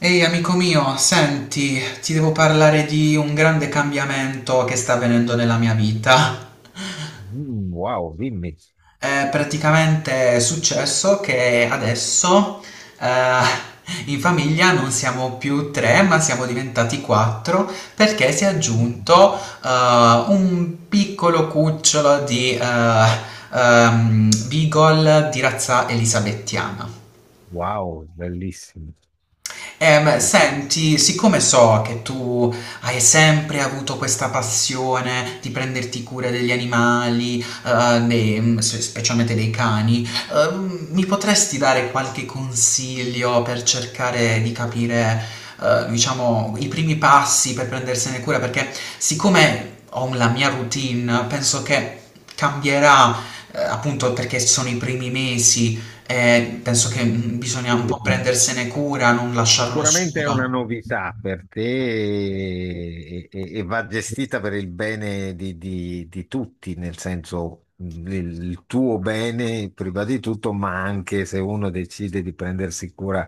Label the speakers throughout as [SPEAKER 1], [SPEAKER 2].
[SPEAKER 1] Ehi amico mio, senti, ti devo parlare di un grande cambiamento che sta avvenendo nella mia vita.
[SPEAKER 2] Mm, wow, dimmi.
[SPEAKER 1] È praticamente successo che adesso eh, in famiglia non siamo più tre, ma siamo diventati quattro perché si è
[SPEAKER 2] Mm,
[SPEAKER 1] aggiunto un piccolo cucciolo di Beagle di razza elisabettiana.
[SPEAKER 2] wow, bellissimo.
[SPEAKER 1] Senti, siccome so che tu hai sempre avuto questa passione di prenderti cura degli animali, specialmente dei cani, mi potresti dare qualche consiglio per cercare di capire, diciamo, i primi passi per prendersene cura? Perché siccome ho la mia routine, penso che cambierà, appunto perché sono i primi mesi penso che bisogna un
[SPEAKER 2] Sì,
[SPEAKER 1] po' prendersene cura, non lasciarlo
[SPEAKER 2] sicuramente è una
[SPEAKER 1] solo.
[SPEAKER 2] novità per te e va gestita per il bene di tutti, nel senso il tuo bene prima di tutto, ma anche se uno decide di prendersi cura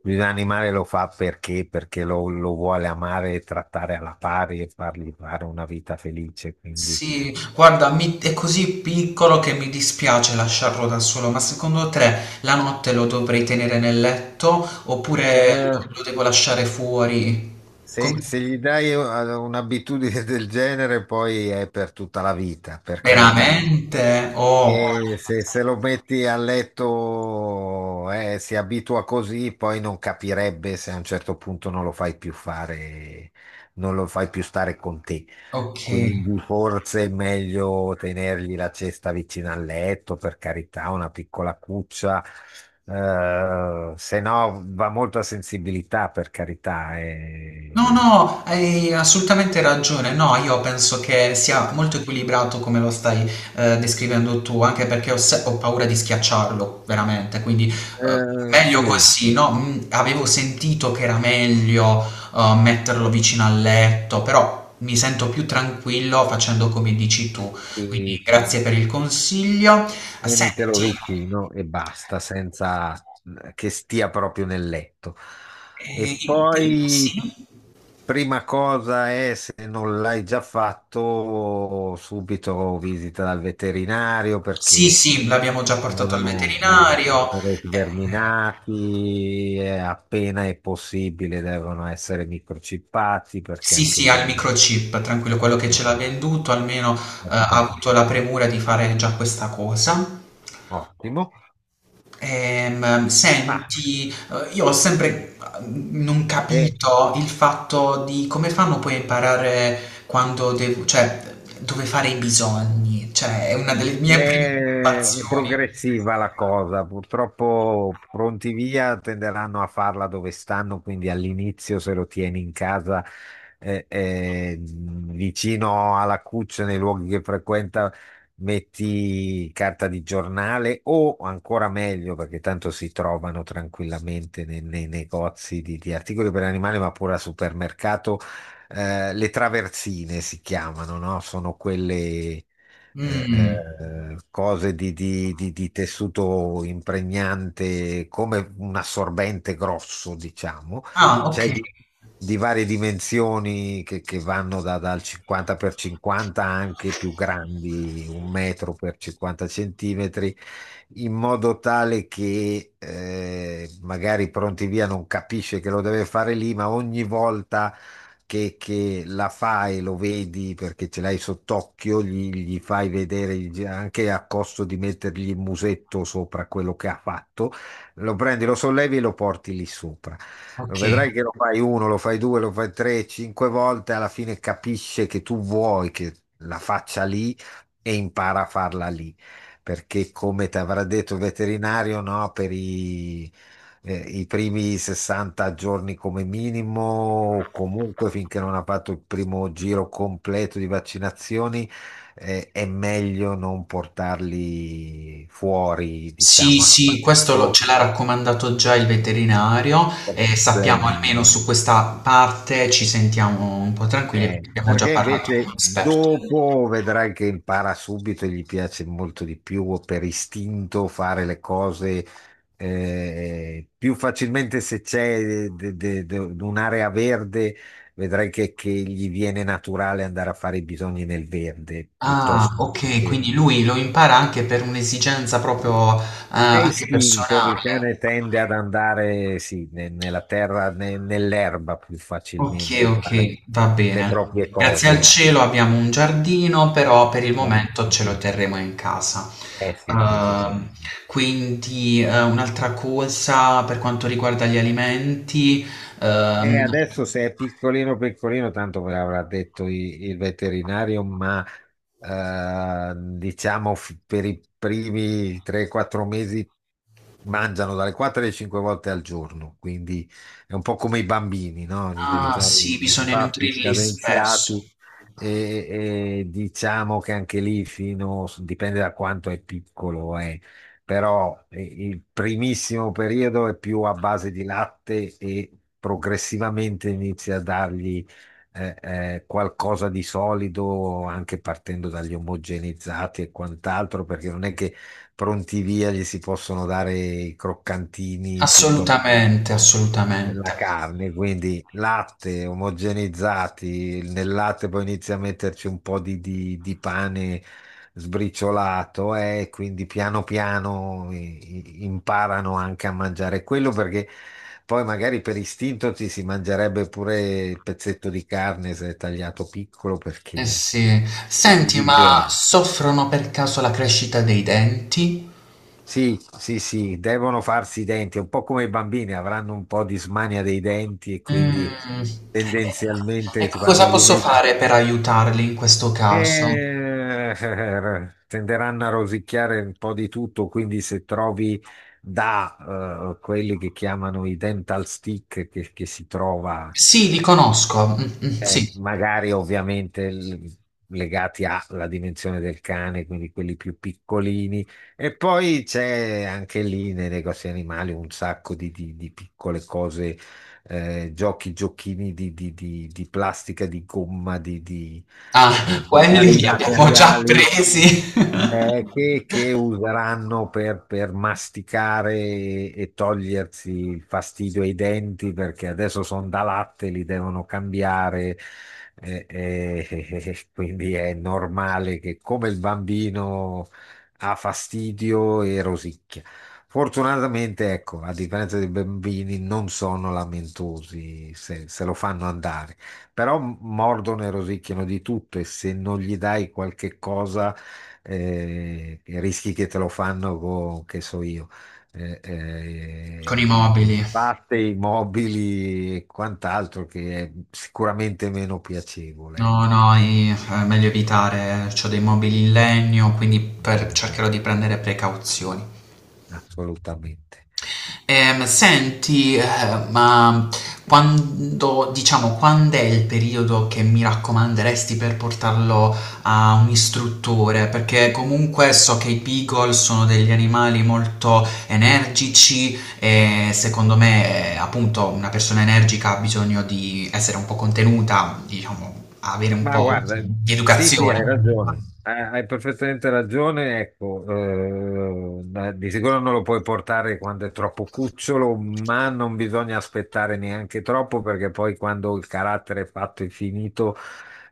[SPEAKER 2] di un animale lo fa perché lo vuole amare e trattare alla pari e fargli fare una vita felice. Quindi.
[SPEAKER 1] Sì, guarda, è così piccolo che mi dispiace lasciarlo da solo, ma secondo te la notte lo dovrei tenere nel letto oppure
[SPEAKER 2] Eh,
[SPEAKER 1] lo devo lasciare fuori? Come-
[SPEAKER 2] se gli dai un'abitudine del genere, poi è per tutta la vita, per carità.
[SPEAKER 1] Veramente? Oh,
[SPEAKER 2] E se lo metti a letto, si abitua così, poi non capirebbe se a un certo punto non lo fai più fare, non lo fai più stare con te.
[SPEAKER 1] ok.
[SPEAKER 2] Quindi forse è meglio tenergli la cesta vicino al letto, per carità, una piccola cuccia. Se no va molto a sensibilità, per carità.
[SPEAKER 1] No, no, hai assolutamente ragione. No, io penso che sia molto equilibrato come lo stai descrivendo tu, anche perché ho, se- ho paura di schiacciarlo, veramente. Quindi eh, meglio
[SPEAKER 2] Sì,
[SPEAKER 1] così, no? Avevo sentito che era meglio metterlo vicino al letto, però mi sento più tranquillo facendo come dici tu. Quindi
[SPEAKER 2] sì,
[SPEAKER 1] grazie per il consiglio. Senti,
[SPEAKER 2] tienitelo vicino e basta, senza che stia proprio nel letto. E
[SPEAKER 1] eh, sì,
[SPEAKER 2] poi, prima cosa è, se non l'hai già fatto, subito visita dal veterinario
[SPEAKER 1] sì,
[SPEAKER 2] perché
[SPEAKER 1] sì, l'abbiamo già portato al
[SPEAKER 2] devono
[SPEAKER 1] veterinario. Eh,
[SPEAKER 2] essere sverminati, appena è possibile devono essere microchippati perché
[SPEAKER 1] Sì,
[SPEAKER 2] anche
[SPEAKER 1] sì, ha il
[SPEAKER 2] lì.
[SPEAKER 1] microchip, tranquillo, quello che ce
[SPEAKER 2] eh,
[SPEAKER 1] l'ha venduto almeno ha
[SPEAKER 2] Perfetto,
[SPEAKER 1] avuto la premura di fare già questa cosa.
[SPEAKER 2] ottimo.
[SPEAKER 1] Ehm,
[SPEAKER 2] Ma...
[SPEAKER 1] senti, io ho sempre non
[SPEAKER 2] E
[SPEAKER 1] capito il fatto di come fanno poi a imparare cioè dove fare i bisogni, cioè è una delle
[SPEAKER 2] È
[SPEAKER 1] mie
[SPEAKER 2] è
[SPEAKER 1] preoccupazioni.
[SPEAKER 2] progressiva la cosa, purtroppo pronti via tenderanno a farla dove stanno, quindi all'inizio se lo tieni in casa vicino alla cuccia, nei luoghi che frequenta, metti carta di giornale o ancora meglio, perché tanto si trovano tranquillamente nei negozi di articoli per animali, ma pure al supermercato, le traversine si chiamano, no? Sono quelle
[SPEAKER 1] Mm.
[SPEAKER 2] cose di tessuto impregnante come un assorbente grosso, diciamo.
[SPEAKER 1] Ah,
[SPEAKER 2] C'è
[SPEAKER 1] ok,
[SPEAKER 2] di varie dimensioni che vanno dal 50 per 50 anche più grandi, un metro per 50 centimetri in modo tale che magari pronti via non capisce che lo deve fare lì, ma ogni volta che la fai, lo vedi perché ce l'hai sott'occhio, gli fai vedere anche a costo di mettergli il musetto sopra quello che ha fatto, lo prendi, lo sollevi e lo porti lì sopra.
[SPEAKER 1] ok.
[SPEAKER 2] Vedrai che lo fai uno, lo fai due, lo fai tre, cinque volte, alla fine capisce che tu vuoi che la faccia lì e impara a farla lì perché come ti avrà detto il veterinario, no, per i primi 60 giorni come minimo, o comunque finché non ha fatto il primo giro completo di vaccinazioni, è meglio non portarli fuori,
[SPEAKER 1] Sì,
[SPEAKER 2] diciamo.
[SPEAKER 1] sì, questo lo ce l'ha raccomandato già il veterinario e sappiamo almeno su questa parte ci sentiamo un po' tranquilli perché abbiamo già
[SPEAKER 2] Perché
[SPEAKER 1] parlato con un
[SPEAKER 2] invece
[SPEAKER 1] esperto.
[SPEAKER 2] dopo vedrai che impara subito e gli piace molto di più per istinto fare le cose più facilmente se c'è un'area verde, vedrai che gli viene naturale andare a fare i bisogni nel verde
[SPEAKER 1] Ah,
[SPEAKER 2] piuttosto che...
[SPEAKER 1] ok,
[SPEAKER 2] che-
[SPEAKER 1] quindi lui lo impara anche per un'esigenza proprio
[SPEAKER 2] È
[SPEAKER 1] anche
[SPEAKER 2] istinto, il
[SPEAKER 1] personale.
[SPEAKER 2] cane tende ad andare sì, nella terra, nell'erba più
[SPEAKER 1] Ok,
[SPEAKER 2] facilmente a fare
[SPEAKER 1] ok, va
[SPEAKER 2] le
[SPEAKER 1] bene.
[SPEAKER 2] proprie
[SPEAKER 1] Grazie al
[SPEAKER 2] cose.
[SPEAKER 1] cielo abbiamo un giardino, però per il
[SPEAKER 2] Eh,
[SPEAKER 1] momento ce lo terremo in casa.
[SPEAKER 2] Eh sì, sì. Direi di
[SPEAKER 1] Ehm,
[SPEAKER 2] sì.
[SPEAKER 1] quindi un'altra cosa per quanto riguarda gli alimenti,
[SPEAKER 2] E
[SPEAKER 1] ehm,
[SPEAKER 2] adesso se è piccolino piccolino, tanto ve l'avrà detto il veterinario, ma diciamo per i primi 3-4 mesi mangiano dalle 4 alle 5 volte al giorno, quindi è un po' come i bambini, no? Gli devi
[SPEAKER 1] ah
[SPEAKER 2] fare
[SPEAKER 1] sì,
[SPEAKER 2] i
[SPEAKER 1] bisogna
[SPEAKER 2] passi
[SPEAKER 1] nutrirli spesso.
[SPEAKER 2] scadenziati e diciamo che anche lì fino, dipende da quanto è piccolo, però il primissimo periodo è più a base di latte e progressivamente inizi a dargli qualcosa di solido, anche partendo dagli omogenizzati e quant'altro, perché non è che pronti via gli si possono dare i croccantini piuttosto
[SPEAKER 1] Assolutamente, assolutamente.
[SPEAKER 2] della carne, quindi latte omogenizzati, nel latte poi inizia a metterci un po' di pane sbriciolato e quindi piano piano imparano anche a mangiare quello perché poi magari per istinto ci si mangerebbe pure il pezzetto di carne se è tagliato piccolo
[SPEAKER 1] Eh
[SPEAKER 2] perché
[SPEAKER 1] sì. Senti,
[SPEAKER 2] gli
[SPEAKER 1] ma
[SPEAKER 2] viene.
[SPEAKER 1] soffrono per caso la crescita dei denti?
[SPEAKER 2] Sì, sì, sì, devono farsi i denti, un po' come i bambini, avranno un po' di smania dei denti e quindi
[SPEAKER 1] Mh. E
[SPEAKER 2] tendenzialmente quando
[SPEAKER 1] cosa
[SPEAKER 2] gli
[SPEAKER 1] posso
[SPEAKER 2] metti
[SPEAKER 1] fare per aiutarli in questo caso?
[SPEAKER 2] eh, tenderanno a rosicchiare un po' di tutto, quindi se trovi da quelli che chiamano i dental stick che si trova,
[SPEAKER 1] Sì, li conosco. Mh-mh, sì.
[SPEAKER 2] magari ovviamente legati alla dimensione del cane, quindi quelli più piccolini, e poi c'è anche lì nei negozi animali un sacco di piccole cose giochi, giochini di plastica, di gomma,
[SPEAKER 1] Ah,
[SPEAKER 2] di
[SPEAKER 1] quelli
[SPEAKER 2] vari
[SPEAKER 1] li abbiamo già
[SPEAKER 2] materiali
[SPEAKER 1] presi.
[SPEAKER 2] che useranno per masticare e togliersi il fastidio ai denti perché adesso sono da latte, li devono cambiare. Quindi è normale che come il bambino ha fastidio e rosicchia. Fortunatamente, ecco, a differenza dei bambini, non sono lamentosi se lo fanno andare, però mordono e rosicchiano di tutto e se non gli dai qualche cosa i rischi che te lo fanno con, che so io, eh,
[SPEAKER 1] Con i
[SPEAKER 2] eh,
[SPEAKER 1] mobili.
[SPEAKER 2] batte, i mobili e quant'altro che è sicuramente meno piacevole,
[SPEAKER 1] No,
[SPEAKER 2] ecco.
[SPEAKER 1] no, i è meglio evitare. C'ho dei mobili in legno, quindi per
[SPEAKER 2] Mm,
[SPEAKER 1] cercherò di prendere precauzioni.
[SPEAKER 2] assolutamente.
[SPEAKER 1] Senti, ma quando, diciamo, quando è il periodo che mi raccomanderesti per portarlo a un istruttore? Perché comunque so che i beagle sono degli animali molto energici e secondo me, appunto, una persona energica ha bisogno di essere un po' contenuta, diciamo, avere un
[SPEAKER 2] Ma
[SPEAKER 1] po'
[SPEAKER 2] guarda,
[SPEAKER 1] di
[SPEAKER 2] sì, sì, hai
[SPEAKER 1] educazione.
[SPEAKER 2] ragione, hai perfettamente ragione, ecco, di sicuro non lo puoi portare quando è troppo cucciolo, ma non bisogna aspettare neanche troppo perché poi quando il carattere è fatto e finito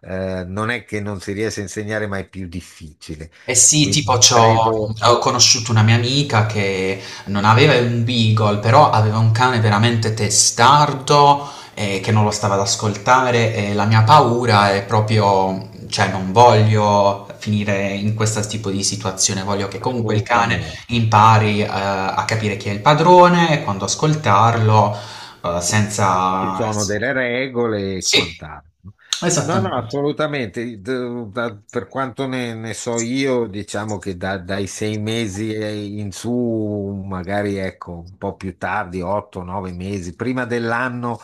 [SPEAKER 2] non è che non si riesca a insegnare, ma è più difficile.
[SPEAKER 1] Eh sì,
[SPEAKER 2] Quindi
[SPEAKER 1] tipo c'ho
[SPEAKER 2] credo
[SPEAKER 1] ho conosciuto
[SPEAKER 2] eh,
[SPEAKER 1] una mia amica che non aveva un beagle, però aveva un cane veramente testardo che non lo stava ad ascoltare e la mia paura è proprio, cioè non voglio finire in questo tipo di situazione, voglio che comunque il cane
[SPEAKER 2] assolutamente.
[SPEAKER 1] impari a capire chi è il padrone, e quando ascoltarlo,
[SPEAKER 2] Ci
[SPEAKER 1] senza.
[SPEAKER 2] sono delle regole e
[SPEAKER 1] Sì,
[SPEAKER 2] quant'altro. No, no, no,
[SPEAKER 1] esattamente.
[SPEAKER 2] assolutamente. Per quanto ne so io, diciamo che dai 6 mesi e in su, magari ecco, un po' più tardi, 8, 9 mesi, prima dell'anno,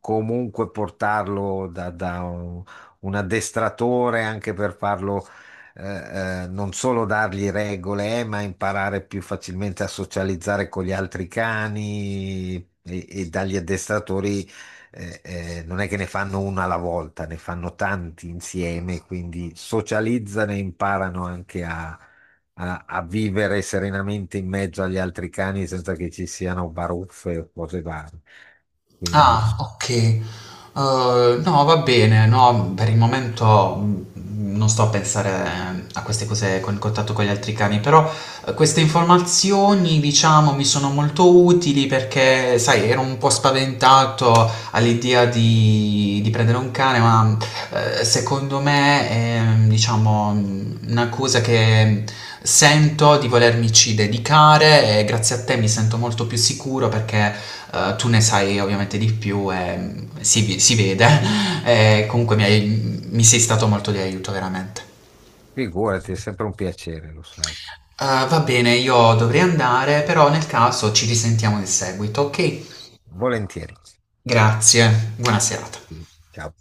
[SPEAKER 2] comunque portarlo da un addestratore anche per farlo. Non solo dargli regole, ma imparare più facilmente a socializzare con gli altri cani e dagli addestratori non è che ne fanno una alla volta, ne fanno tanti insieme, quindi socializzano e imparano anche a vivere serenamente in mezzo agli altri cani senza che ci siano baruffe o cose varie. Quindi
[SPEAKER 1] Ah, ok. No, va bene, no, per il momento non sto a pensare a queste cose con il contatto con gli altri cani, però queste informazioni, diciamo, mi sono molto utili perché, sai, ero un po' spaventato all'idea di prendere un cane, ma secondo me è, diciamo, una cosa che sento di volermici dedicare e grazie a te mi sento molto più sicuro perché tu ne sai ovviamente di più e si vede. E comunque mi sei stato molto di aiuto, veramente.
[SPEAKER 2] figurati, è sempre un piacere, lo sai.
[SPEAKER 1] Va bene, io dovrei andare, però nel caso ci risentiamo in seguito, ok?
[SPEAKER 2] Volentieri.
[SPEAKER 1] Grazie, buona serata.
[SPEAKER 2] Ciao.